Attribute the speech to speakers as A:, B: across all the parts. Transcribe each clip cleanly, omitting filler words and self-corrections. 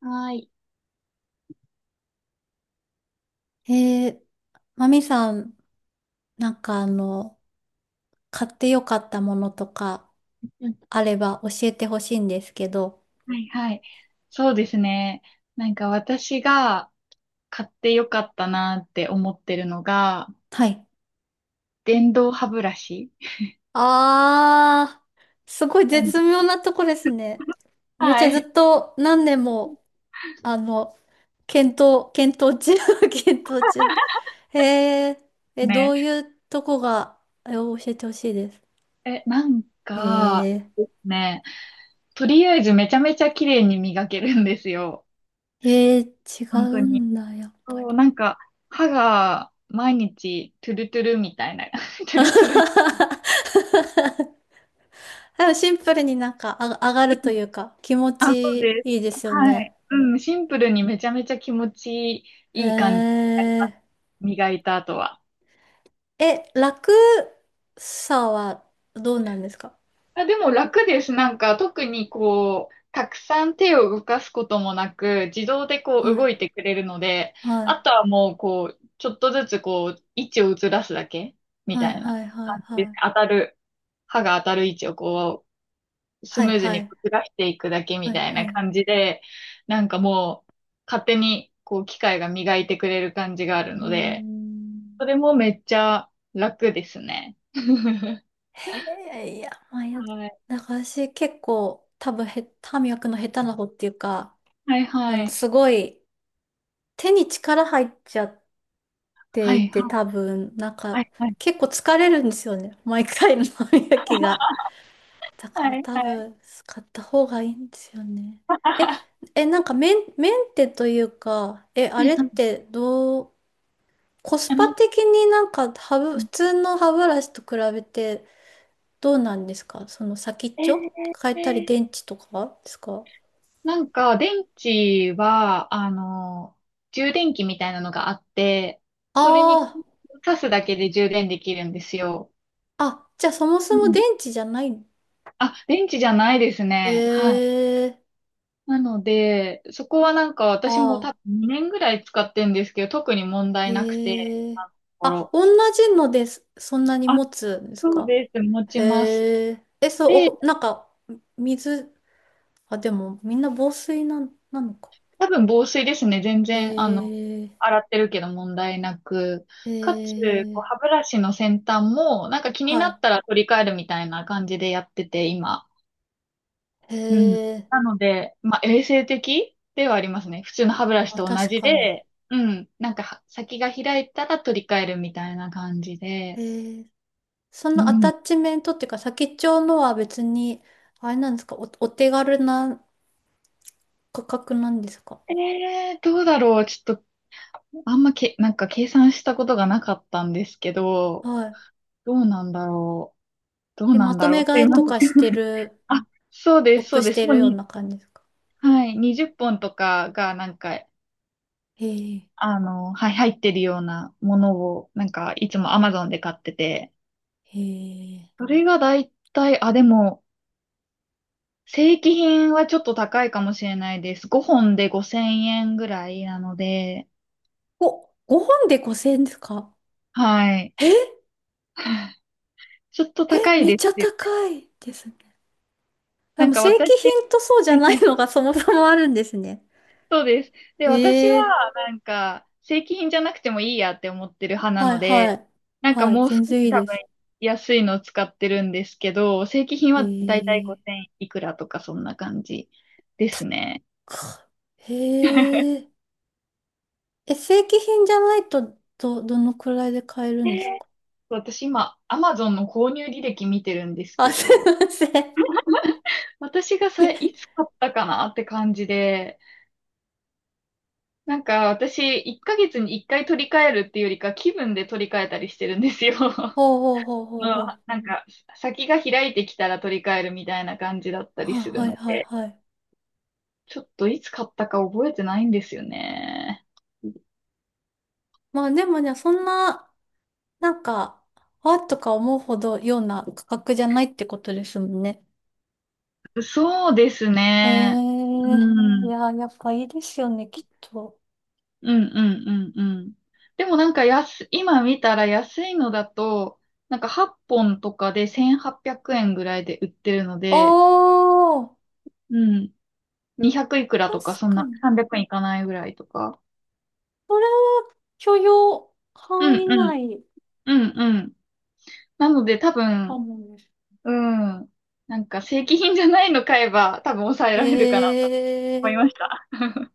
A: はい。
B: えー、マミさん、なんか買ってよかったものとか
A: うん。
B: あれば教えてほしいんですけど。
A: はいはい。そうですね。なんか私が買ってよかったなって思ってるのが、
B: はい。
A: 電動歯ブラシ。
B: あー、すごい
A: なん
B: 絶妙なとこですね。めっち
A: は
B: ゃず
A: い。
B: っと何年も、あの、検討中、検討中。えー、ど
A: ね。
B: ういうとこが、教えてほしいです。
A: え、なんか、
B: え
A: ね、とりあえずめちゃめちゃ綺麗に磨けるんですよ。
B: 違
A: 本
B: う
A: 当に。
B: んだ、やっぱ
A: そう、
B: り。
A: 歯が毎日トゥルトゥルみたいな、トゥルトゥル。
B: でもシンプルになんかあ上がるというか気持
A: あ、そう
B: ち
A: です。
B: いいですよ
A: は
B: ね。
A: い。うん、シンプルにめちゃめちゃ気持ち
B: へ
A: いい感じになります。
B: え。
A: 磨いた後は。
B: 楽さはどうなんですか？
A: あ、でも楽です。なんか特にこう、たくさん手を動かすこともなく、自動でこう
B: は
A: 動
B: い。
A: いてくれるので、
B: は
A: あ
B: い。
A: とはもうこう、ちょっとずつこう、位置をずらすだけみ
B: は
A: た
B: い
A: いな
B: はいはい
A: 感じで
B: は
A: す。当
B: い。
A: たる、歯が当たる位置をス
B: は
A: ム
B: い
A: ーズ
B: は
A: にこ
B: い
A: うずらしていくだけ
B: は
A: み
B: い
A: たいな
B: はい。
A: 感じで、なんかもう勝手にこう機械が磨いてくれる感じがある
B: うー
A: ので、
B: ん。
A: それもめっちゃ楽ですね。
B: へえ、いや、まあ、
A: はい。
B: なんか私結構多分歯磨くの下手な方っていうか、
A: はいはい。
B: すごい手に力入っちゃってて
A: はい
B: い
A: は
B: て、
A: い。
B: 多分、なん
A: は
B: か、
A: いはい。
B: 結構疲れるんですよね。毎回の歯磨きが。だから多
A: は
B: 分、使った方がいいんですよね。え、なんかメンテというか、あ
A: い
B: れっ
A: はい。
B: てどう、コス
A: あ
B: パ
A: なんか
B: 的になんか普通の歯ブラシと比べてどうなんですか？その先っちょ変えたり
A: えー、
B: 電池とかですか？
A: なんか電池は、充電器みたいなのがあって、それに
B: ああ
A: 挿すだけで充電できるんですよ。
B: ー、あ、じゃあそもそも電池じゃない。
A: あ、電池じゃないです
B: え
A: ね。はい。
B: えー。
A: なので、そこはなんか
B: あ
A: 私も多
B: あー。
A: 分2年ぐらい使ってんですけど、特に問題なくて、
B: へ
A: あ
B: え。
A: のとこ
B: あ、
A: ろ。
B: 同じのです。そんなに
A: あ、
B: 持つんです
A: そう
B: か？
A: です。持ちます。
B: へえ。そう、
A: で、
B: なんか、水、あ、でも、みんな防水なのか。
A: 多分防水ですね。全然、
B: へえ。
A: 洗ってるけど問題なく。
B: へ
A: かつ、こう歯
B: え。
A: ブラシの先端も、なんか気に
B: は
A: なっ
B: い。
A: たら取り替えるみたいな感じでやってて、今。
B: へ
A: うん。
B: え。
A: なので、まあ、衛生的ではありますね。普通の歯ブラ
B: ま
A: シ
B: あ、
A: と同
B: 確
A: じ
B: かに。
A: で、うん。なんかは、先が開いたら取り替えるみたいな感じで。
B: へえ。そ
A: う
B: のアタ
A: ん。
B: ッチメントっていうか、先っちょのは別に、あれなんですか、お手軽な価格なんですか？
A: どうだろう。ちょっと、あんまけ、なんか計算したことがなかったんですけど、
B: はい。
A: どうなんだろう。どうな
B: ま
A: ん
B: と
A: だろ
B: め
A: う。すい
B: 買い
A: ま
B: と
A: せ
B: かし
A: ん。
B: てる、
A: あ、そうです、そ
B: 得
A: う
B: し
A: です。
B: て
A: も
B: る
A: う
B: よう
A: に、
B: な感じですか？
A: はい、20本とかが、
B: へえ。
A: はい、入ってるようなものを、なんか、いつも Amazon で買ってて、
B: へえ。
A: それがだいたい、あ、でも、正規品はちょっと高いかもしれないです。5本で5000円ぐらいなので、
B: お、5本で5000円ですか？
A: はい。
B: えー、
A: ちょっと高い
B: めっ
A: で
B: ちゃ
A: すよ。
B: 高いですね。で
A: なん
B: も
A: か
B: 正
A: 私、
B: 規品とそうじ
A: はいは
B: ゃ
A: い
B: な
A: は
B: い
A: い
B: のが そもそもあるんですね。
A: そうです。で、
B: へ
A: 私
B: え。
A: はなんか正規品じゃなくてもいいやって思ってる派な
B: はい
A: の
B: は
A: で、
B: い。
A: なんか
B: はい、
A: もう少
B: 全
A: し
B: 然いい
A: 多
B: で
A: 分
B: す。
A: 安いのを使ってるんですけど、正規品
B: へ
A: はだいたい
B: え。
A: 5000いくらとかそんな感じですね。
B: かへ え。正規品じゃないとどのくらいで買えるんです
A: で
B: か？
A: 私今、アマゾンの購入履歴見てるんです
B: あ、
A: け
B: すい
A: ど、
B: ません。
A: 私がさ、いつ買ったかなって感じで、なんか私、1ヶ月に1回取り替えるっていうよりか、気分で取り替えたりしてるんですよ。
B: ほうほうほうほう
A: の、
B: ほう。
A: なんか、先が開いてきたら取り替えるみたいな感じだったり
B: はい
A: する
B: はい
A: の
B: はい
A: で、
B: はい。
A: ちょっといつ買ったか覚えてないんですよね。
B: まあでもね、そんな、なんか、わっとか思うほどような価格じゃないってことですもんね。
A: そうです
B: え
A: ね。
B: ー、い
A: うん。
B: やー、やっぱいいですよね、きっと。
A: うんうんうんうん。でもなんか安、今見たら安いのだと、なんか8本とかで1800円ぐらいで売ってるの
B: あ
A: で、
B: ー、
A: うん、200いくら
B: 確
A: とか、そん
B: か
A: な
B: に。
A: 300円いかないぐらいとか。
B: 許容
A: う
B: 範
A: ん
B: 囲
A: うん、
B: 内
A: うんうん。なので多
B: か
A: 分、
B: もです。
A: うん、なんか正規品じゃないの買えば多分抑え
B: え
A: られるかなと思
B: ー、
A: いました。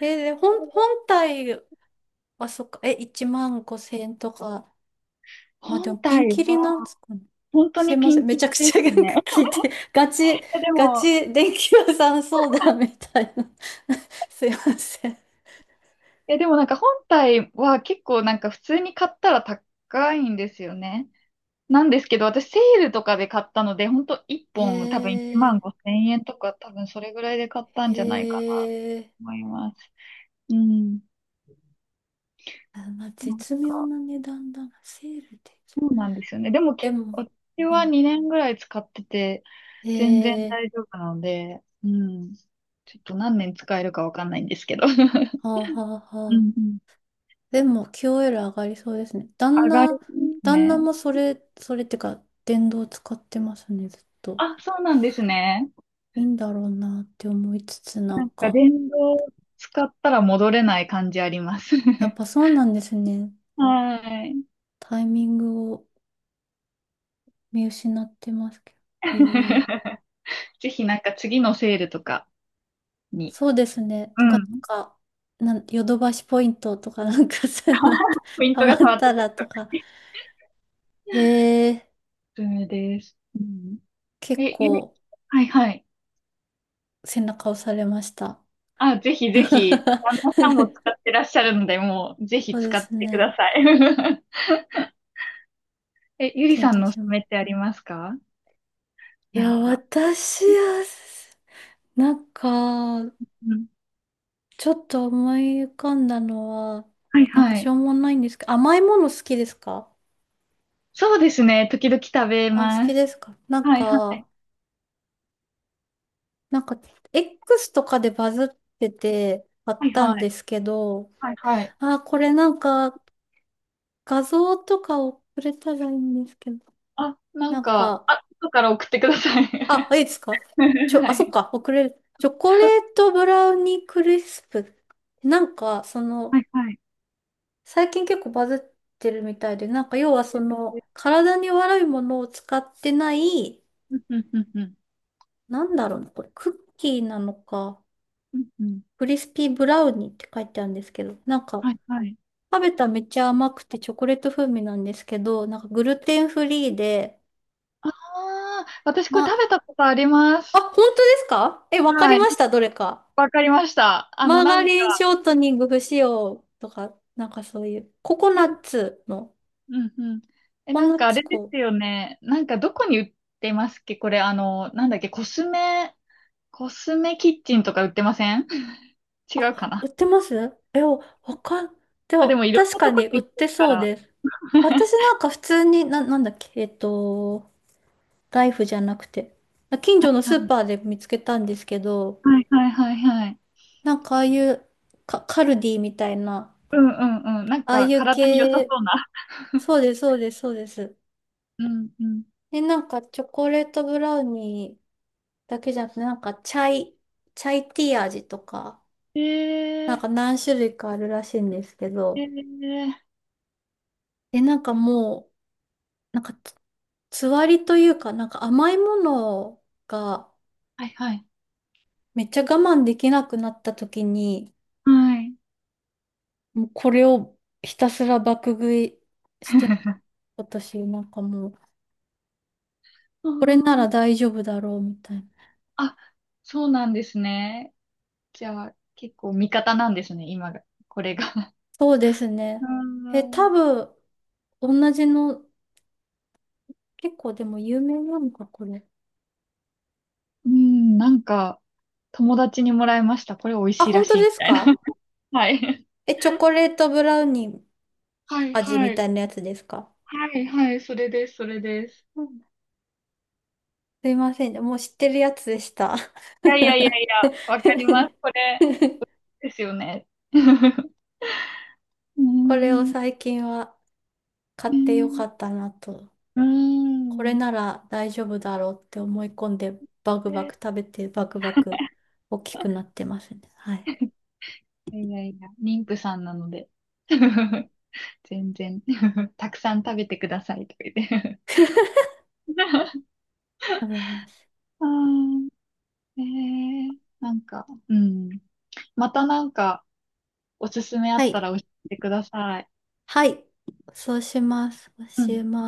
B: で、本体はそっか、1万5千円とか。まあで
A: 本
B: もピン
A: 体
B: キリなん
A: は
B: ですかね。
A: 本当
B: すい
A: に
B: ま
A: ピ
B: せん。
A: ン
B: め
A: キリ
B: ちゃく
A: で
B: ちゃな
A: す
B: んか
A: ね。
B: 聞いて、
A: えで
B: ガ
A: も、
B: チ電気屋さん相談みたいな。すいません。
A: えでもなんか本体は結構なんか普通に買ったら高いんですよね。なんですけど、私セールとかで買ったので、本当1
B: へ
A: 本多分1万
B: え、
A: 5千円とか多分それぐらいで買ったん
B: へ
A: じゃないかなと
B: え。
A: 思います。うん。
B: あ、まあ
A: なん
B: 絶妙
A: か、
B: な値段だな。セールで。
A: そうなんですよね。でも結
B: でも、
A: 構、私
B: ま
A: は
B: あ、
A: 2年ぐらい使ってて、
B: へ
A: 全然
B: え、
A: 大丈夫なので、うん。ちょっと何年使えるかわかんないんですけど。
B: は
A: う
B: あはあはあ。
A: んうん。
B: でも QOL 上がりそうですね。
A: 上がります
B: 旦那
A: ね。
B: もそれってか、電動使ってますね、ずっと。
A: あ、そうなんですね。
B: いいんだろうなって思いつつ、な
A: な
B: ん
A: んか
B: か。
A: 電動使ったら戻れない感じあります。
B: やっ ぱそうなんですね。
A: はい。
B: タイミングを見失ってますけど。へえ。
A: ぜひなんか次のセールとかに、
B: そうですね。
A: う
B: とか、なん
A: ん。
B: か、ヨドバシポイントとかなんかそういうのって
A: ポ イン
B: ハ
A: ト
B: マ
A: が変わ
B: っ
A: った
B: た
A: 時
B: ら
A: と
B: と
A: か
B: か。
A: に
B: へえ。
A: おすすめです。うん。
B: 結
A: え、ゆり、
B: 構
A: はいはい。
B: 背中押されました。
A: あ、ぜひぜひ、旦那さ んも使ってらっしゃるので、もう、ぜひ
B: そうで
A: 使っ
B: す
A: てくだ
B: ね。
A: さい。え、ゆりさ
B: 検
A: ん
B: 討
A: のおす
B: し
A: す
B: ま
A: めっ
B: す。
A: てありますか？
B: い
A: なん
B: や、
A: か。
B: 私は、なんか、
A: うん。
B: ちょっと思い浮かんだのは、
A: はい
B: なんか
A: は
B: し
A: い。
B: ょうもないんですけど、甘いもの好きですか？
A: そうですね。時々食べ
B: あ、好
A: ま
B: き
A: す。
B: ですか？なん
A: はいは
B: か、
A: い。
B: なんか、X とかでバズっててあ
A: は
B: っ
A: い
B: たん
A: は
B: で
A: い。
B: すけど、
A: はいはい。
B: あ、これなんか、画像とか送れたらいいんですけど、なんか、
A: あ、後から送ってください。
B: あ、いいですか？
A: は
B: あ、そっ
A: い。
B: か、送れる。チョコレートブラウニークリスプ。なんか、そ
A: は
B: の、
A: いはい。
B: 最近結構バズってるみたいで、なんか、要は体に悪いものを使ってない、
A: うんうんうんうん。
B: なんだろうな、これ、クッキーなのか。
A: うんうん。
B: クリスピーブラウニーって書いてあるんですけど、なんか、
A: はいはい。
B: 食べたらめっちゃ甘くてチョコレート風味なんですけど、なんかグルテンフリーで、
A: ああ、私これ
B: ま、
A: 食べたことありま
B: あ、
A: す。
B: 本当ですか？わかり
A: はい。
B: ました、どれか。
A: わかりました。
B: マーガリンショートニング不使用とか、なんかそういう、
A: うんうん。え、
B: ココ
A: な
B: ナ
A: ん
B: ッ
A: かあ
B: ツ
A: れで
B: こう
A: すよね。なんかどこに売ってますっけこれ、あの、なんだっけ、コスメ、コスメキッチンとか売ってません？ 違うか
B: あ、売
A: な。
B: ってますえ、わかん、で
A: あ、でも
B: も、
A: いろん
B: 確
A: な
B: か
A: とこ
B: に売
A: に
B: っ
A: 売って
B: て
A: るか
B: そう
A: ら。
B: です。私なんか普通に、なんだっけ、ライフじゃなくて。近所のスーパ
A: は
B: ーで見つけたんですけど、
A: い、はいはいはいはい。
B: なんかああいうカルディみたいな、
A: うんうんうん。なん
B: ああ
A: か
B: いう
A: 体に良さ
B: 系、
A: そうな。
B: そうです、そうです、そうです。
A: うんうん。
B: で、なんかチョコレートブラウニーだけじゃなくて、なんかチャイティー味とか、
A: え
B: なん
A: ー、
B: か何種類かあるらしいんですけ
A: え
B: ど、
A: ー、
B: で、なんかもう、なんかつわりというか、なんか甘いものが
A: はいはい。
B: めっちゃ我慢できなくなった時に、
A: はい。
B: もうこれをひたすら爆食いしてます、私なんかもう、
A: うー
B: これな
A: ん。
B: ら大丈夫だろうみたいな。
A: あ、そうなんですね。じゃあ、結構味方なんですね、今が、これが。
B: そうです
A: うー
B: ね。多
A: ん。
B: 分、同じの、結構でも有名なのか、これ。
A: うん、なんか、友達にもらいました。これ美味
B: あ、
A: しいら
B: 本
A: し
B: 当
A: い、み
B: です
A: たいな。
B: か？
A: はい。
B: チョコレートブラウニー
A: はい、
B: 味
A: は
B: み
A: い。
B: たいなやつですか？
A: はい、はい、それです、それです。
B: うん。すいませんね、もう知ってるやつでした。
A: いやいやいやいや、わかります。これですよね。うー
B: これを
A: ん。
B: 最近は買っ
A: う
B: てよか
A: ん
B: ったなと。
A: うー
B: これ
A: ん。
B: なら大丈夫だろうって思い込んで、バクバ
A: え
B: ク食べて、バクバク大きくなっ てますね。はい。
A: いやいやいや、妊婦さんなので。全然。たくさん食べてください、とか言って。
B: 食べます。
A: あー。えー、なんか、うん。またなんか、おすすめあ
B: は
A: った
B: い。
A: ら教えてください。
B: はい。そうします。そう
A: う
B: し
A: ん。
B: ます。